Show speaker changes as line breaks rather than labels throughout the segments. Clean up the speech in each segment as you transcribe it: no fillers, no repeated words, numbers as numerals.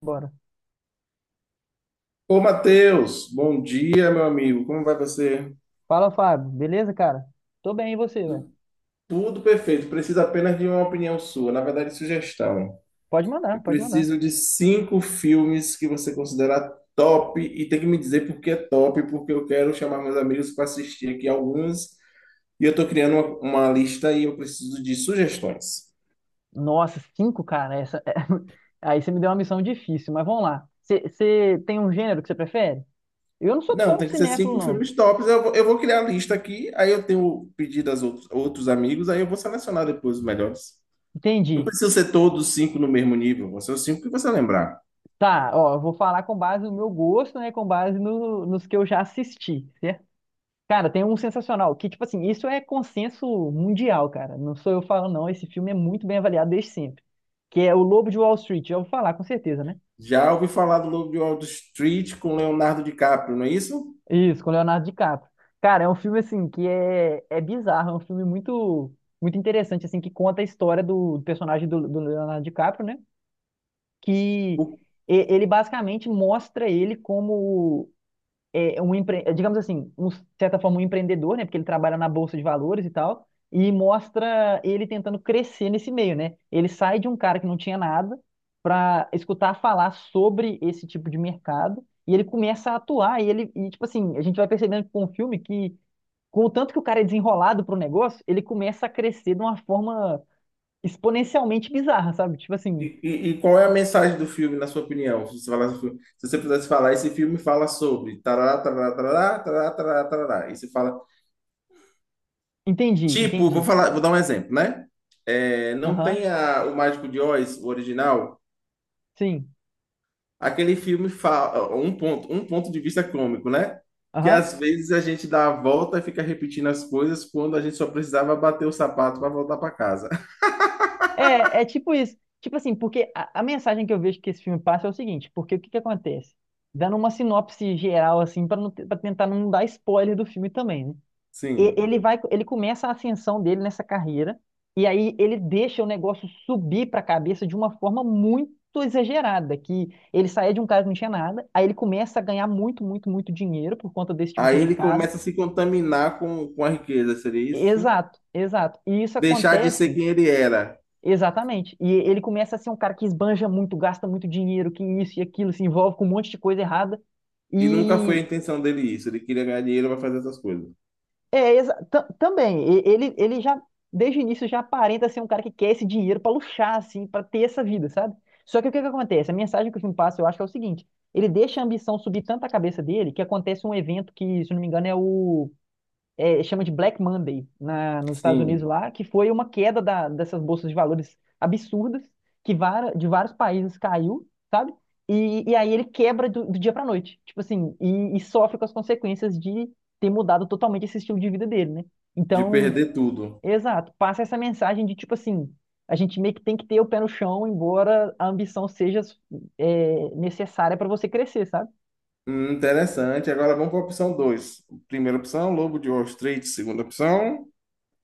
Bora.
Ô, Matheus, bom dia, meu amigo. Como vai você?
Fala, Fábio. Beleza, cara? Tô bem, e você, velho?
Tudo perfeito. Preciso apenas de uma opinião sua, na verdade, sugestão.
Pode
Eu
mandar, pode mandar.
preciso de cinco filmes que você considera top e tem que me dizer por que é top, porque eu quero chamar meus amigos para assistir aqui alguns e eu tô criando uma lista e eu preciso de sugestões.
Nossa, 5, cara. Essa... Aí você me deu uma missão difícil, mas vamos lá. Você tem um gênero que você prefere? Eu não sou
Não,
tão
tem que ser
cinéfilo,
cinco
não.
filmes tops. Eu vou criar a lista aqui, aí eu tenho pedido aos outros, outros amigos, aí eu vou selecionar depois os melhores. Não
Entendi.
precisa ser todos os cinco no mesmo nível, vão ser os cinco que você lembrar.
Tá, ó, eu vou falar com base no meu gosto, né? Com base nos que eu já assisti, certo? Cara, tem um sensacional, que, tipo assim, isso é consenso mundial, cara. Não sou eu falando, não. Esse filme é muito bem avaliado desde sempre. Que é O Lobo de Wall Street. Já vou falar, com certeza, né?
Já ouvi falar do Lobo de Wall Street com Leonardo DiCaprio, não é isso?
Isso, com Leonardo DiCaprio. Cara, é um filme assim que é bizarro, é um filme muito interessante assim que conta a história do personagem do Leonardo DiCaprio, né? Que
O-
Ele basicamente mostra ele como é um digamos assim, um, de certa forma, um empreendedor, né? Porque ele trabalha na bolsa de valores e tal, e mostra ele tentando crescer nesse meio, né? Ele sai de um cara que não tinha nada para escutar falar sobre esse tipo de mercado e ele começa a atuar e ele e tipo assim, a gente vai percebendo com o filme que com o tanto que o cara é desenrolado pro negócio, ele começa a crescer de uma forma exponencialmente bizarra, sabe? Tipo assim,
e qual é a mensagem do filme, na sua opinião? Se você falasse do filme- se você pudesse falar, esse filme fala sobre tarará, tarará, tarará, tarará, tarará, tarará. E você fala,
entendi,
tipo, vou
entendi.
falar, vou dar um exemplo, né? É, não
Aham,
tem a- o Mágico de Oz, o original.
sim.
Aquele filme um ponto de vista cômico, né? Que
Aham.
às vezes a gente dá a volta e fica repetindo as coisas quando a gente só precisava bater o sapato para voltar para casa.
É, é tipo isso. Tipo assim, porque a mensagem que eu vejo que esse filme passa é o seguinte, porque o que que acontece? Dando uma sinopse geral, assim, para não, para tentar não dar spoiler do filme também, né?
Sim.
Ele vai, ele começa a ascensão dele nessa carreira, e aí ele deixa o negócio subir para a cabeça de uma forma muito exagerada, que ele saía de um cara que não tinha nada, aí ele começa a ganhar muito dinheiro por conta desse tipo de
Aí ele
mercado.
começa a se contaminar com a riqueza, seria isso? Sim?
Exato, exato. E isso
Deixar de ser
acontece.
quem ele era.
Exatamente. E ele começa a ser um cara que esbanja muito, gasta muito dinheiro, que isso e aquilo, se envolve com um monte de coisa errada.
E nunca foi a
E
intenção dele isso. Ele queria ganhar dinheiro para fazer essas coisas.
é também, ele, ele já, desde o início, já aparenta ser um cara que quer esse dinheiro pra luxar, assim, pra ter essa vida, sabe? Só que o que que acontece? A mensagem que o filme passa, eu acho que é o seguinte: ele deixa a ambição subir tanto a cabeça dele que acontece um evento que, se eu não me engano, é chama de Black Monday nos Estados Unidos
Sim.
lá, que foi uma queda dessas bolsas de valores absurdas, de vários países caiu, sabe? E aí ele quebra do dia para noite, tipo assim, e sofre com as consequências de ter mudado totalmente esse estilo de vida dele, né?
De
Então,
perder tudo.
exato, passa essa mensagem de tipo assim, a gente meio que tem que ter o pé no chão, embora a ambição seja necessária para você crescer, sabe?
Interessante. Agora vamos para a opção dois. Primeira opção, Lobo de Wall Street. Segunda opção.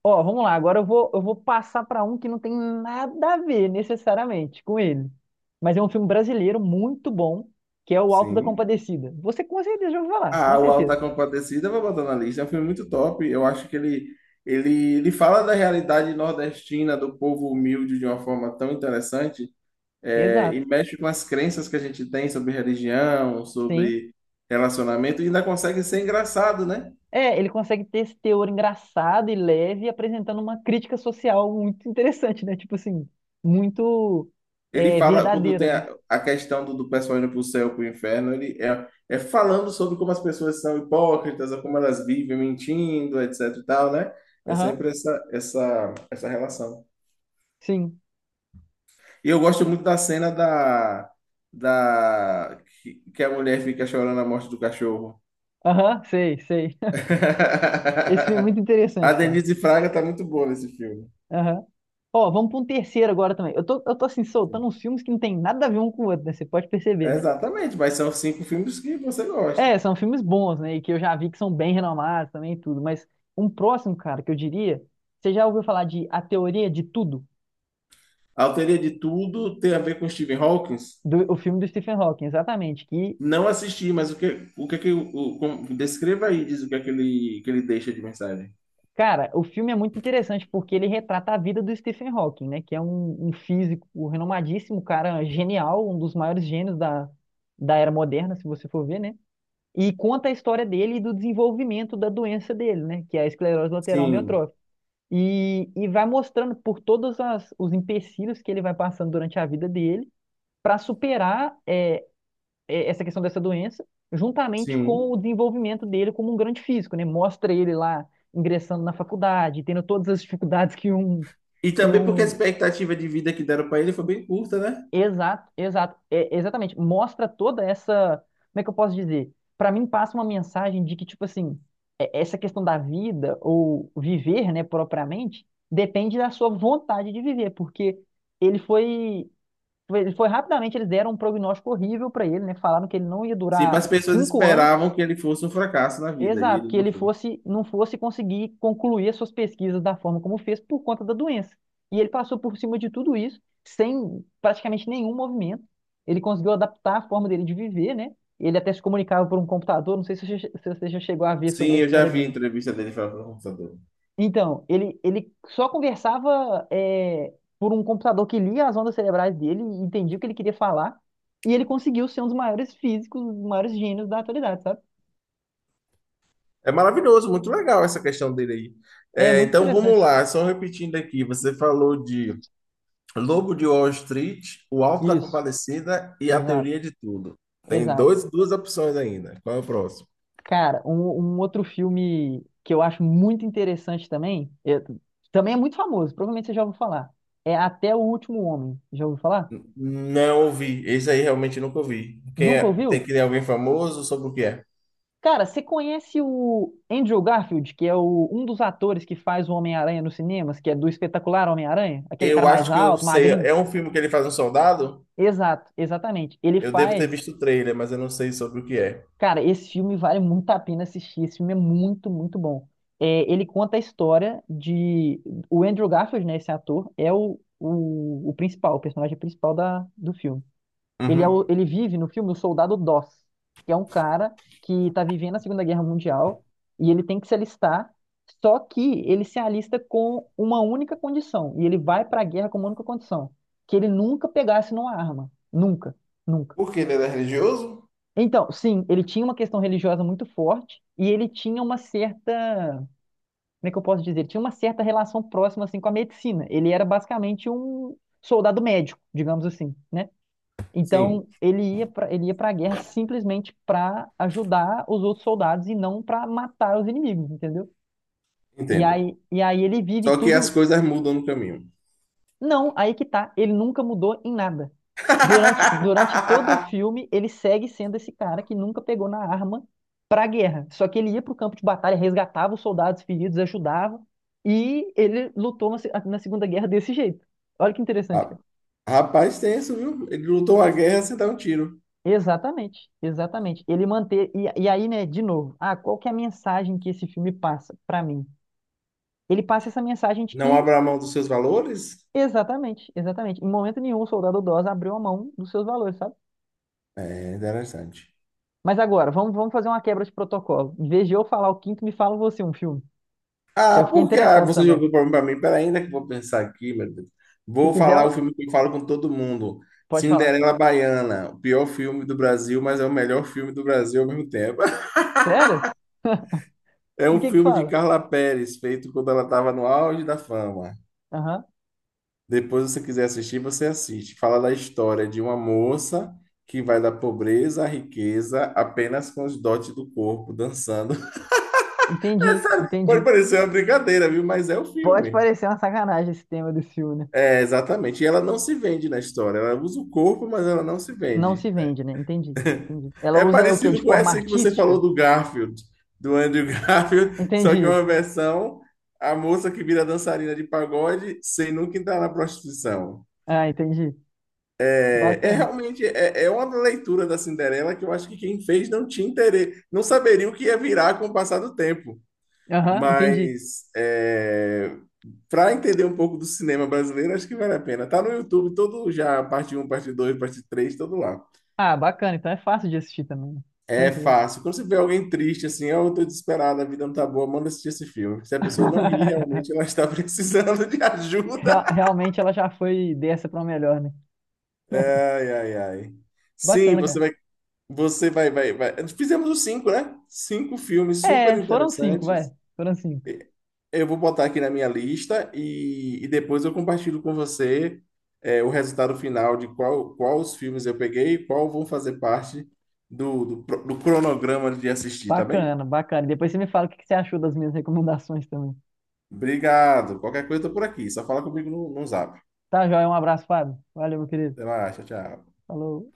Ó, vamos lá. Agora eu vou passar para um que não tem nada a ver necessariamente com ele. Mas é um filme brasileiro muito bom, que é O Alto da
Sim.
Compadecida. Você com certeza já ouviu falar, com
Ah, o Alto da
certeza.
Compadecida, eu vou botar na lista. É um filme muito top. Eu acho que ele fala da realidade nordestina, do povo humilde, de uma forma tão interessante,
Exato.
e mexe com as crenças que a gente tem sobre religião,
Sim.
sobre relacionamento, e ainda consegue ser engraçado, né?
É, ele consegue ter esse teor engraçado e leve, apresentando uma crítica social muito interessante, né? Tipo assim, muito
Ele fala, quando
verdadeira,
tem
né?
a questão do, do pessoal indo para o céu, para o inferno, ele é falando sobre como as pessoas são hipócritas, ou como elas vivem mentindo, etc e tal, né? É
Aham,
sempre essa relação.
sim.
E eu gosto muito da cena da, que a mulher fica chorando a morte do cachorro.
Aham, sei, sei. Esse filme é muito
A
interessante, cara.
Denise Fraga tá muito boa nesse filme.
Ó, vamos para um terceiro agora também. Eu tô assim, soltando
Sim.
uns filmes que não tem nada a ver um com o outro, né? Você pode perceber, né?
Exatamente, mas são cinco filmes que você
É,
gosta.
são filmes bons, né? E que eu já vi que são bem renomados também e tudo. Mas um próximo, cara, que eu diria, você já ouviu falar de A Teoria de Tudo?
A Autoria de Tudo tem a ver com Stephen Hawking?
O filme do Stephen Hawking, exatamente. Que,
Não assisti, mas o que, que o- com- descreva aí, diz o que é que ele deixa de mensagem.
cara, o filme é muito interessante porque ele retrata a vida do Stephen Hawking, né? Que é um físico renomadíssimo, um cara, genial, um dos maiores gênios da era moderna, se você for ver, né? E conta a história dele e do desenvolvimento da doença dele, né? Que é a esclerose lateral
Sim,
amiotrófica. E vai mostrando por todos os empecilhos que ele vai passando durante a vida dele para superar essa questão dessa doença, juntamente com
sim.
o desenvolvimento dele como um grande físico, né? Mostra ele lá ingressando na faculdade, tendo todas as dificuldades que um
E
que
também porque a
um,
expectativa de vida que deram para ele foi bem curta, né?
Exato, exato, é, exatamente. Mostra toda essa, como é que eu posso dizer? Pra mim passa uma mensagem de que tipo assim, essa questão da vida ou viver, né, propriamente, depende da sua vontade de viver, porque ele foi, ele foi rapidamente. Eles deram um prognóstico horrível pra ele, né? Falaram que ele não ia
Sim, as
durar
pessoas
5 anos.
esperavam que ele fosse um fracasso na vida, e
Exato,
ele
que
não
ele
foi.
fosse, não fosse conseguir concluir as suas pesquisas da forma como fez por conta da doença. E ele passou por cima de tudo isso, sem praticamente nenhum movimento. Ele conseguiu adaptar a forma dele de viver, né? Ele até se comunicava por um computador, não sei se você já se você já chegou a ver sobre
Sim,
a
eu já
história
vi a
dele.
entrevista dele falando com computador.
Então, ele só conversava por um computador que lia as ondas cerebrais dele e entendia o que ele queria falar. E ele conseguiu ser um dos maiores físicos, um dos maiores gênios da atualidade, sabe?
É maravilhoso, muito legal essa questão dele aí.
É
É,
muito
então vamos
interessante.
lá, só repetindo aqui, você falou de Lobo de Wall Street, O Alto da
Isso,
Compadecida e A
exato.
Teoria de Tudo. Tem
Exato.
duas opções ainda. Qual é o próximo?
Cara, um outro filme que eu acho muito interessante também, também é muito famoso, provavelmente você já ouviu falar, é Até o Último Homem. Já ouviu falar?
N- Não ouvi, esse aí realmente nunca ouvi. Quem é?
Nunca
Tem
ouviu?
que ter alguém famoso? Sobre o que é?
Cara, você conhece o Andrew Garfield, que é um dos atores que faz o Homem-Aranha nos cinemas, que é do espetacular Homem-Aranha? Aquele cara
Eu
mais
acho que eu
alto,
sei,
magrinho?
é um filme que ele faz um soldado?
Exato, exatamente. Ele
Eu devo ter
faz.
visto o trailer, mas eu não sei sobre o que é.
Cara, esse filme vale muito a pena assistir. Esse filme é muito bom. É, ele conta a história de. O Andrew Garfield, né? Esse ator, é o principal, o personagem principal do filme. Ele, é
Uhum.
ele vive no filme o soldado Doss, que é um cara que tá vivendo a 2ª Guerra Mundial e ele tem que se alistar. Só que ele se alista com uma única condição. E ele vai pra guerra com uma única condição: que ele nunca pegasse numa arma. Nunca. Nunca.
Porque ele era religioso?
Então, sim, ele tinha uma questão religiosa muito forte e ele tinha uma certa, como é que eu posso dizer? Ele tinha uma certa relação próxima assim com a medicina. Ele era basicamente um soldado médico, digamos assim, né? Então,
Sim,
ele ia para a guerra simplesmente para ajudar os outros soldados e não para matar os inimigos, entendeu?
entendo.
E aí ele vive
Só que as
tudo.
coisas mudam no caminho.
Não, aí que tá. Ele nunca mudou em nada. Durante todo o filme, ele segue sendo esse cara que nunca pegou na arma pra guerra. Só que ele ia pro campo de batalha, resgatava os soldados feridos, ajudava. E ele lutou na, se- na 2ª Guerra desse jeito. Olha que interessante,
Ah,
cara.
rapaz, tenso, viu? Ele lutou a guerra sem dar um tiro.
Exatamente, exatamente. Ele manter. E aí, né, de novo, ah, qual que é a mensagem que esse filme passa pra mim? Ele passa essa mensagem de
Não
que,
abra mão dos seus valores?
exatamente, exatamente, em momento nenhum o soldado Oz abriu a mão dos seus valores, sabe?
É interessante.
Mas agora, vamos fazer uma quebra de protocolo. Em vez de eu falar o 5º, me fala você um filme. Que
Ah,
eu fiquei
porque ah,
interessado
você
também.
jogou pra mim. Peraí, ainda que eu vou pensar aqui, meu Deus.
Se
Vou
quiser,
falar o filme que eu falo com todo mundo.
pode falar.
Cinderela Baiana, o pior filme do Brasil, mas é o melhor filme do Brasil ao mesmo tempo.
Sério?
É
Por
um
que que
filme de
fala?
Carla Perez, feito quando ela estava no auge da fama.
Aham.
Depois, se você quiser assistir, você assiste. Fala da história de uma moça que vai da pobreza à riqueza apenas com os dotes do corpo, dançando.
Entendi,
Pode
entendi.
parecer uma brincadeira, viu? Mas é o
Pode
filme.
parecer uma sacanagem esse tema desse filme, né?
É, exatamente. E ela não se vende na história. Ela usa o corpo, mas ela não se
Não
vende.
se vende, né? Entendi, entendi. Ela
É
usa o quê? De
parecido com
forma
essa que você falou
artística?
do Garfield, do Andrew Garfield, só que é
Entendi.
uma versão a moça que vira dançarina de pagode sem nunca entrar na prostituição.
Ah, entendi. Bacana.
É uma leitura da Cinderela que eu acho que quem fez não tinha interesse, não saberia o que ia virar com o passar do tempo.
Aham, entendi.
Mas para entender um pouco do cinema brasileiro, acho que vale a pena. Tá no YouTube todo já, parte um, parte 2, parte 3, todo lá.
Ah, bacana. Então é fácil de assistir também, né?
É
Tranquilo.
fácil. Quando você vê alguém triste, assim, oh, eu tô desesperado, a vida não tá boa, manda assistir esse filme. Se a pessoa não ri, realmente ela está precisando de ajuda.
Realmente ela já foi dessa pra uma melhor, né?
Ai, ai, ai. Sim,
Bacana, cara.
vai. Fizemos os cinco, né? Cinco filmes super
É, foram 5, vai.
interessantes.
Foram 5.
E- Eu vou botar aqui na minha lista e depois eu compartilho com você o resultado final de qual, qual os filmes eu peguei e qual vão fazer parte do cronograma de assistir, tá bem?
Bacana, bacana. Depois você me fala o que que você achou das minhas recomendações também.
Obrigado. Qualquer coisa, eu tô por aqui. Só fala comigo no zap.
Tá, joia? Um abraço, Fábio. Valeu, meu querido.
Até mais, tchau, tchau.
Falou.